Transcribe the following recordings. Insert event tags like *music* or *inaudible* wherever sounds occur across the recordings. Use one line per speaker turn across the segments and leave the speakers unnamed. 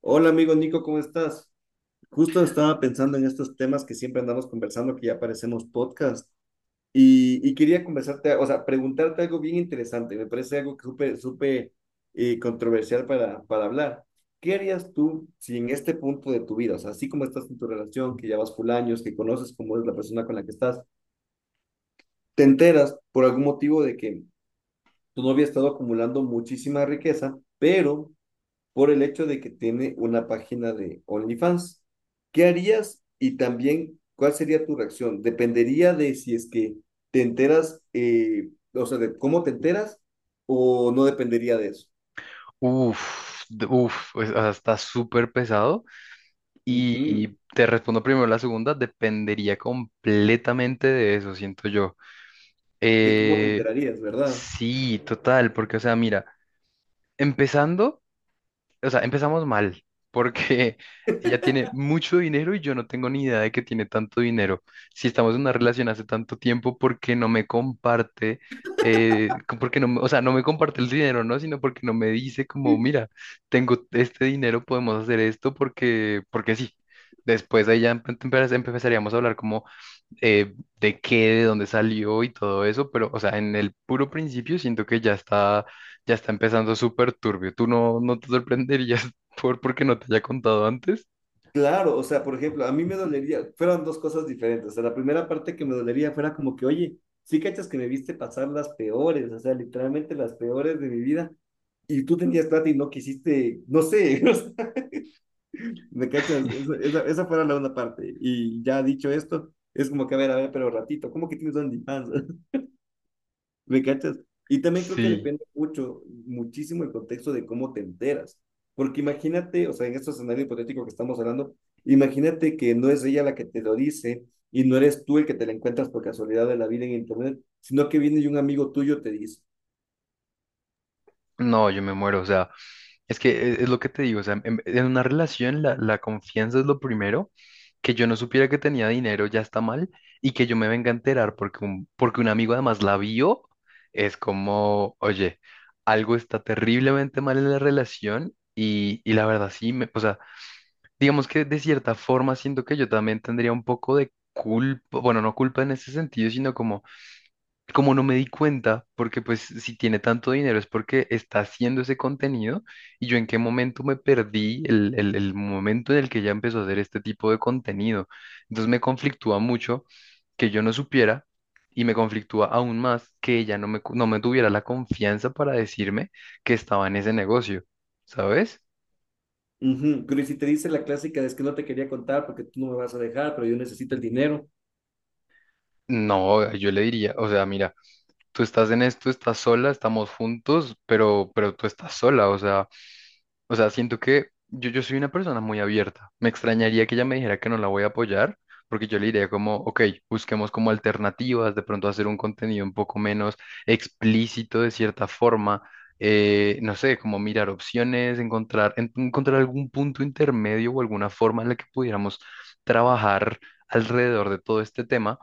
Hola amigo Nico, ¿cómo estás? Justo estaba pensando en estos temas que siempre andamos conversando, que ya parecemos podcast, y quería conversarte, o sea, preguntarte algo bien interesante, me parece algo que súper, súper controversial para hablar. ¿Qué harías tú si en este punto de tu vida, o sea, así como estás en tu relación, que ya vas full años, que conoces cómo es la persona con la que estás, te enteras por algún motivo de que tu novia ha estado acumulando muchísima riqueza, pero por el hecho de que tiene una página de OnlyFans? ¿Qué harías? Y también, ¿cuál sería tu reacción? Dependería de si es que te enteras, o sea, de cómo te enteras, o no dependería de eso.
Pues, o sea, está súper pesado. Y,
Ujú.
y te respondo primero la segunda, dependería completamente de eso, siento yo.
De cómo te
Eh,
enterarías, ¿verdad?
sí, total, porque, o sea, mira, empezando empezamos mal, porque *laughs* ella tiene mucho dinero y yo no tengo ni idea de que tiene tanto dinero. Si estamos en una relación hace tanto tiempo, ¿por qué no me comparte? Porque o sea, no me comparte el dinero, ¿no? Sino porque no me dice como, mira, tengo este dinero, podemos hacer esto porque, porque sí. Después ahí ya empezaríamos a hablar como eh, de qué, de dónde salió y todo eso, pero, o sea, en el puro principio siento que ya está empezando súper turbio. ¿Tú no te sorprenderías *laughs* porque no te haya contado antes?
Claro, o sea, por ejemplo, a mí me dolería, fueron dos cosas diferentes. O sea, la primera parte que me dolería fuera como que, oye, sí cachas que me viste pasar las peores, o sea, literalmente las peores de mi vida, y tú tenías plata y no quisiste, no sé, *laughs* ¿Me cachas?
*laughs*
Esa fuera la una parte. Y ya dicho esto, es como que, a ver, pero ratito, ¿cómo que tienes OnlyFans? *laughs* ¿Me cachas? Y también creo que
Sí.
depende mucho, muchísimo el contexto de cómo te enteras. Porque imagínate, o sea, en este escenario hipotético que estamos hablando, imagínate que no es ella la que te lo dice y no eres tú el que te la encuentras por casualidad de la vida en internet, sino que viene y un amigo tuyo te dice.
No, yo me muero, o sea, es que es, lo que te digo, o sea, en una relación la confianza es lo primero, que yo no supiera que tenía dinero ya está mal y que yo me venga a enterar porque porque un amigo además la vio, es como, oye, algo está terriblemente mal en la relación y la verdad sí, o sea, digamos que de cierta forma siento que yo también tendría un poco de culpa, bueno, no culpa en ese sentido, sino como no me di cuenta, porque pues si tiene tanto dinero es porque está haciendo ese contenido y yo en qué momento me perdí el momento en el que ya empezó a hacer este tipo de contenido. Entonces me conflictúa mucho que yo no supiera y me conflictúa aún más que ella no no me tuviera la confianza para decirme que estaba en ese negocio, ¿sabes?
Ujú. Pero ¿y si te dice la clásica de es que no te quería contar porque tú no me vas a dejar, pero yo necesito el dinero?
No, yo le diría, o sea, mira, tú estás en esto, estás sola, estamos juntos, pero tú estás sola, o sea... O sea, siento que yo soy una persona muy abierta. Me extrañaría que ella me dijera que no la voy a apoyar, porque yo le diría como, ok, busquemos como alternativas, de pronto hacer un contenido un poco menos explícito de cierta forma, no sé, como mirar opciones, encontrar algún punto intermedio o alguna forma en la que pudiéramos trabajar alrededor de todo este tema,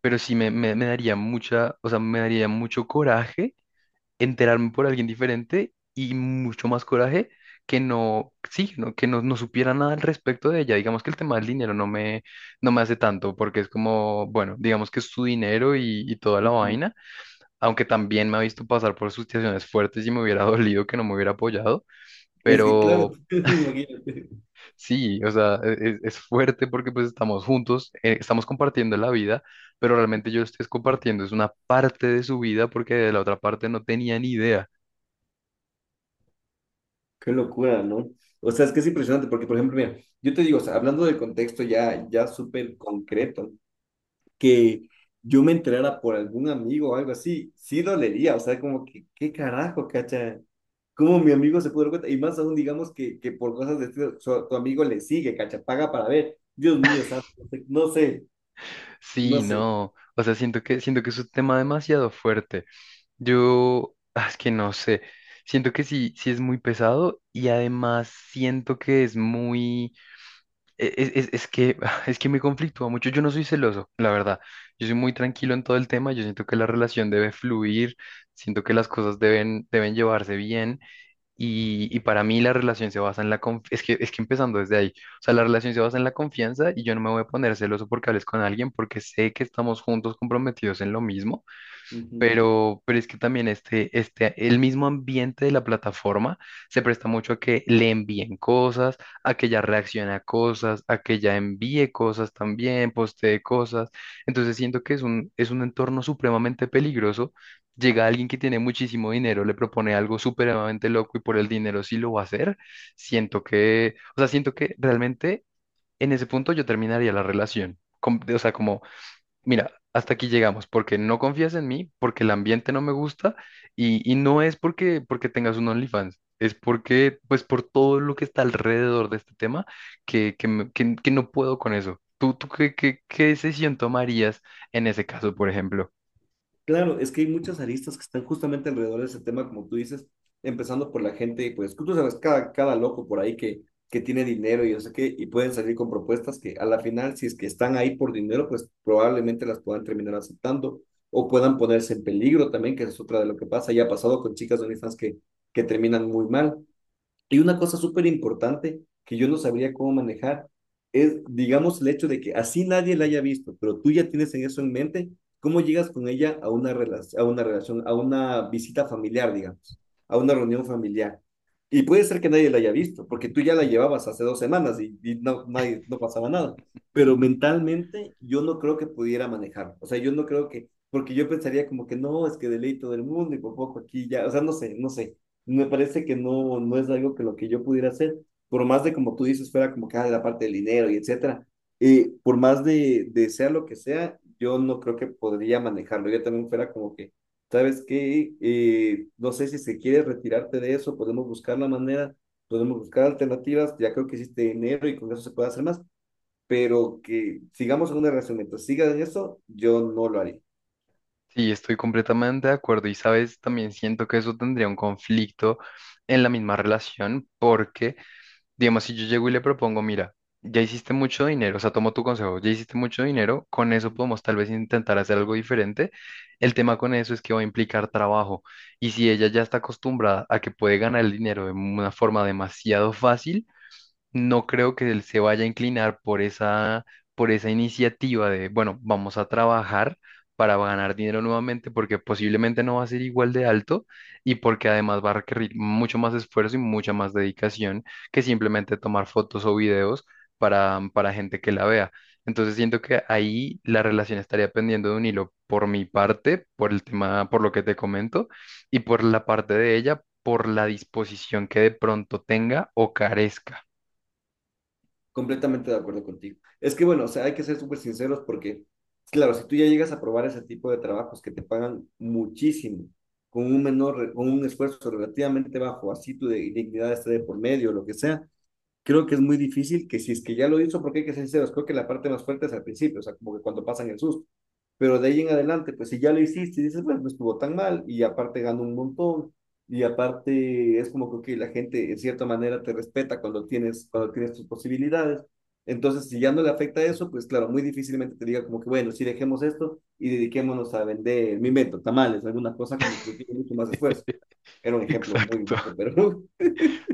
pero sí me daría mucha, o sea, me daría mucho coraje enterarme por alguien diferente y mucho más coraje que no supiera nada al respecto de ella. Digamos que el tema del dinero no no me hace tanto porque es como, bueno, digamos que es su dinero y toda la vaina, aunque también me ha visto pasar por situaciones fuertes y me hubiera *laughs* dolido que no me hubiera apoyado,
Es que claro,
pero
*laughs* imagínate,
sí, o sea, es, fuerte porque pues estamos juntos, estamos compartiendo la vida. Pero realmente yo lo estoy compartiendo, es una parte de su vida porque de la otra parte no tenía ni idea.
qué locura, ¿no? O sea, es que es impresionante porque, por ejemplo, mira, yo te digo, o sea, hablando del contexto ya, ya súper concreto, que yo me enterara por algún amigo o algo así, sí dolería, o sea, como que, ¿qué carajo, cacha? ¿Cómo mi amigo se pudo dar cuenta? Y más aún, digamos que por cosas de estilo, tu amigo le sigue, cacha, paga para ver. Dios mío, santo, no sé, no
Sí,
sé. No
no, o sea, siento que es un tema demasiado fuerte. Es que no sé, siento que sí, sí es muy pesado y además siento que es muy, es que, *laughs* ah, es que me conflictúa mucho. Yo no soy celoso, la verdad. Yo soy muy tranquilo en todo el tema. Yo siento que la relación debe fluir, siento que las cosas deben llevarse bien. Y para mí la relación se basa en la confianza, es que empezando desde ahí, o sea, la relación se basa en la confianza y yo no me voy a poner celoso porque hables con alguien porque sé que estamos juntos comprometidos en lo mismo
Ujú.
pero, es que también este, el mismo ambiente de la plataforma se presta mucho a que le envíen cosas, a que ella reaccione a cosas, a que ella envíe cosas también, postee cosas. Entonces siento que es es un entorno supremamente peligroso. Llega alguien que tiene muchísimo dinero, le propone algo supremamente loco y por el dinero sí lo va a hacer. Siento que realmente en ese punto yo terminaría la relación. Com- O sea, como Mira, hasta aquí llegamos, porque no confías en mí, porque el ambiente no me gusta y no es porque, porque tengas un OnlyFans, es porque, pues por todo lo que está alrededor de este tema, que no puedo con eso. ¿Tú, qué decisión tomarías en ese caso, por ejemplo?
Claro, es que hay muchas aristas que están justamente alrededor de ese tema, como tú dices, empezando por la gente, pues tú sabes, cada loco por ahí que tiene dinero y no sé qué, y pueden salir con propuestas que a la final, si es que están ahí por dinero, pues probablemente las puedan terminar aceptando o puedan ponerse en peligro también, que es otra de lo que pasa. Ya ha pasado con chicas de OnlyFans que terminan muy mal. Y una cosa súper importante que yo no sabría cómo manejar es, digamos, el hecho de que así nadie la haya visto, pero tú ya tienes en eso en mente, ¿cómo llegas con ella a una relación, a una visita familiar, digamos, a una reunión familiar? Y puede ser que nadie la haya visto, porque tú ya la llevabas hace 2 semanas y no, nadie, no pasaba nada. Pero mentalmente yo no creo que pudiera manejar. O sea, yo no creo que, porque yo pensaría como que no, es que de ley todo el mundo y por poco aquí ya, o sea, no sé, no sé, me parece que no, no es algo que lo que yo pudiera hacer, por más de como tú dices, fuera como que ah, la parte del dinero y etcétera, por más de sea lo que sea, yo no creo que podría manejarlo, yo también fuera como que, ¿sabes qué? No sé si se quiere retirarte de eso, podemos buscar la manera, podemos buscar alternativas, ya creo que hiciste dinero y con eso se puede hacer más, pero que sigamos en una relación, mientras sigas en eso, yo no lo haría.
Sí, estoy completamente de acuerdo y sabes, también siento que eso tendría un conflicto en la misma relación porque digamos, si yo llego y le propongo, mira, ya hiciste mucho dinero, o sea, tomo tu consejo, ya hiciste mucho dinero, con eso podemos tal vez intentar hacer algo diferente. El tema con eso es que va a implicar trabajo. Y si ella ya está acostumbrada a que puede ganar el dinero de una forma demasiado fácil, no creo que él se vaya a inclinar por esa iniciativa de, bueno, vamos a trabajar para ganar dinero nuevamente, porque posiblemente no va a ser igual de alto y porque además va a requerir mucho más esfuerzo y mucha más dedicación que simplemente tomar fotos o videos para gente que la vea. Entonces siento que ahí la relación estaría pendiendo de un hilo por mi parte, por el tema, por lo que te comento, y por la parte de ella, por la disposición que de pronto tenga o carezca.
Completamente de acuerdo contigo. Es que bueno, o sea, hay que ser súper sinceros porque, claro, si tú ya llegas a probar ese tipo de trabajos que te pagan muchísimo, con un menor, con un esfuerzo relativamente bajo, así tu dignidad esté de por medio, lo que sea, creo que es muy difícil que si es que ya lo hizo, porque hay que ser sinceros, creo que la parte más fuerte es al principio, o sea, como que cuando pasan el susto. Pero de ahí en adelante, pues si ya lo hiciste y dices, bueno, no estuvo tan mal, y aparte ganó un montón, y aparte es como que ok, la gente en cierta manera te respeta cuando tienes tus posibilidades. Entonces, si ya no le afecta eso, pues claro, muy difícilmente te diga como que, bueno, si dejemos esto y dediquémonos a vender, mi invento, tamales, alguna cosa como que tiene mucho más esfuerzo. Era un ejemplo muy
Exacto.
bajo,
*laughs*
pero *laughs*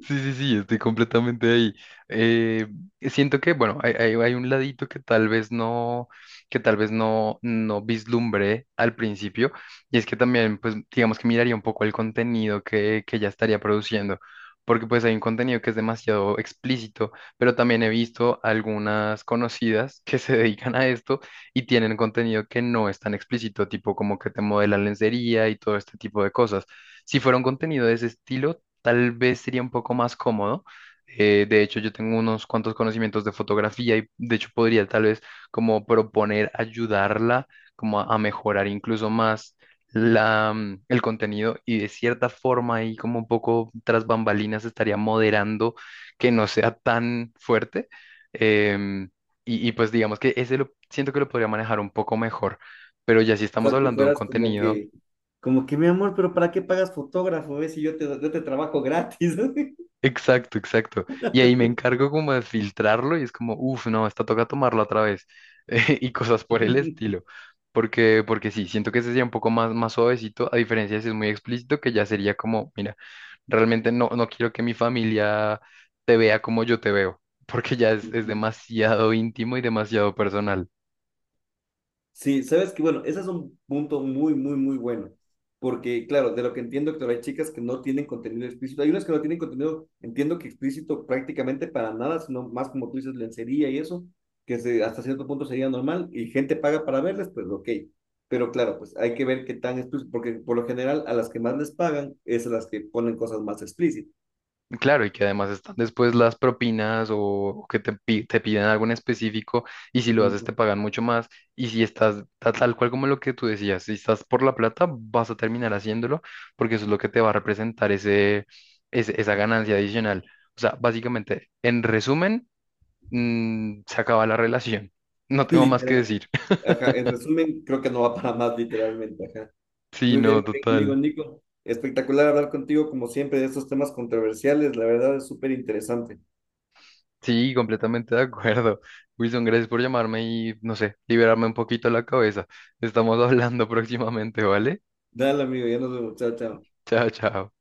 Sí, sí, sí, estoy completamente ahí. Eh, siento que, bueno, hay un ladito que tal vez no, que tal vez no, no vislumbré al principio, y es que también, pues, digamos que miraría un poco el contenido que ya estaría produciendo, porque pues hay un contenido que es demasiado explícito, pero también he visto algunas conocidas que se *laughs* dedican a esto y tienen contenido que no es tan explícito, tipo como que te modelan lencería y todo este tipo de cosas. Si fuera un contenido de ese estilo, tal vez sería un poco más cómodo. De hecho, yo tengo unos cuantos conocimientos de fotografía y de hecho podría tal vez como proponer ayudarla como a mejorar incluso más el contenido y de cierta forma y como un poco tras bambalinas estaría moderando que no sea tan fuerte. Em, y pues digamos que ese lo siento que lo podría manejar un poco mejor. Pero ya si
O
estamos
sea, tú
hablando de un
fueras
contenido
como que, mi amor, pero ¿para qué pagas fotógrafo? ¿Ves? Si yo te, yo te trabajo gratis. *laughs*
exacto, exacto. Y ahí me encargo como de filtrarlo y es como, uff, no, esta toca tomarlo otra vez. *laughs* y cosas por el estilo. Porque, porque sí, siento que ese sería un poco más, más suavecito, a diferencia de si es muy explícito, que ya sería como, mira, realmente no, no quiero que mi familia te vea como yo te veo, *laughs* porque ya es
Ujú.
demasiado íntimo y demasiado personal.
Sí, sabes que, bueno, ese es un punto muy, muy, muy bueno. Porque, claro, de lo que entiendo, claro, hay chicas que no tienen contenido explícito. Hay unas que no tienen contenido, entiendo que explícito prácticamente para nada, sino más como tú dices, lencería y eso, que hasta cierto punto sería normal y gente paga para verles, pues ok. Pero claro, pues hay que ver qué tan explícito, porque por lo general a las que más les pagan es a las que ponen cosas más explícitas.
Claro, y que además están después las propinas o que te piden algo en específico y si lo haces
Ujú.
te pagan mucho más y si estás tal cual como lo que tú decías, si estás por la plata vas a terminar haciéndolo porque eso es lo que te va a representar esa ganancia adicional. O sea, básicamente, en resumen, se acaba la relación. No
*laughs*
tengo más que
Literal.
decir.
Ajá, en resumen, creo que no va para más, literalmente. Ajá.
*laughs* Sí, no,
Muy bien, amigo
total.
Nico. Espectacular hablar contigo, como siempre, de estos temas controversiales. La verdad es súper interesante.
Sí, completamente de acuerdo. Wilson, gracias por llamarme y, no sé, liberarme un poquito la cabeza. Estamos *laughs* hablando próximamente, ¿vale?
Dale, amigo, ya nos vemos. Chao, chao.
Chao, chao.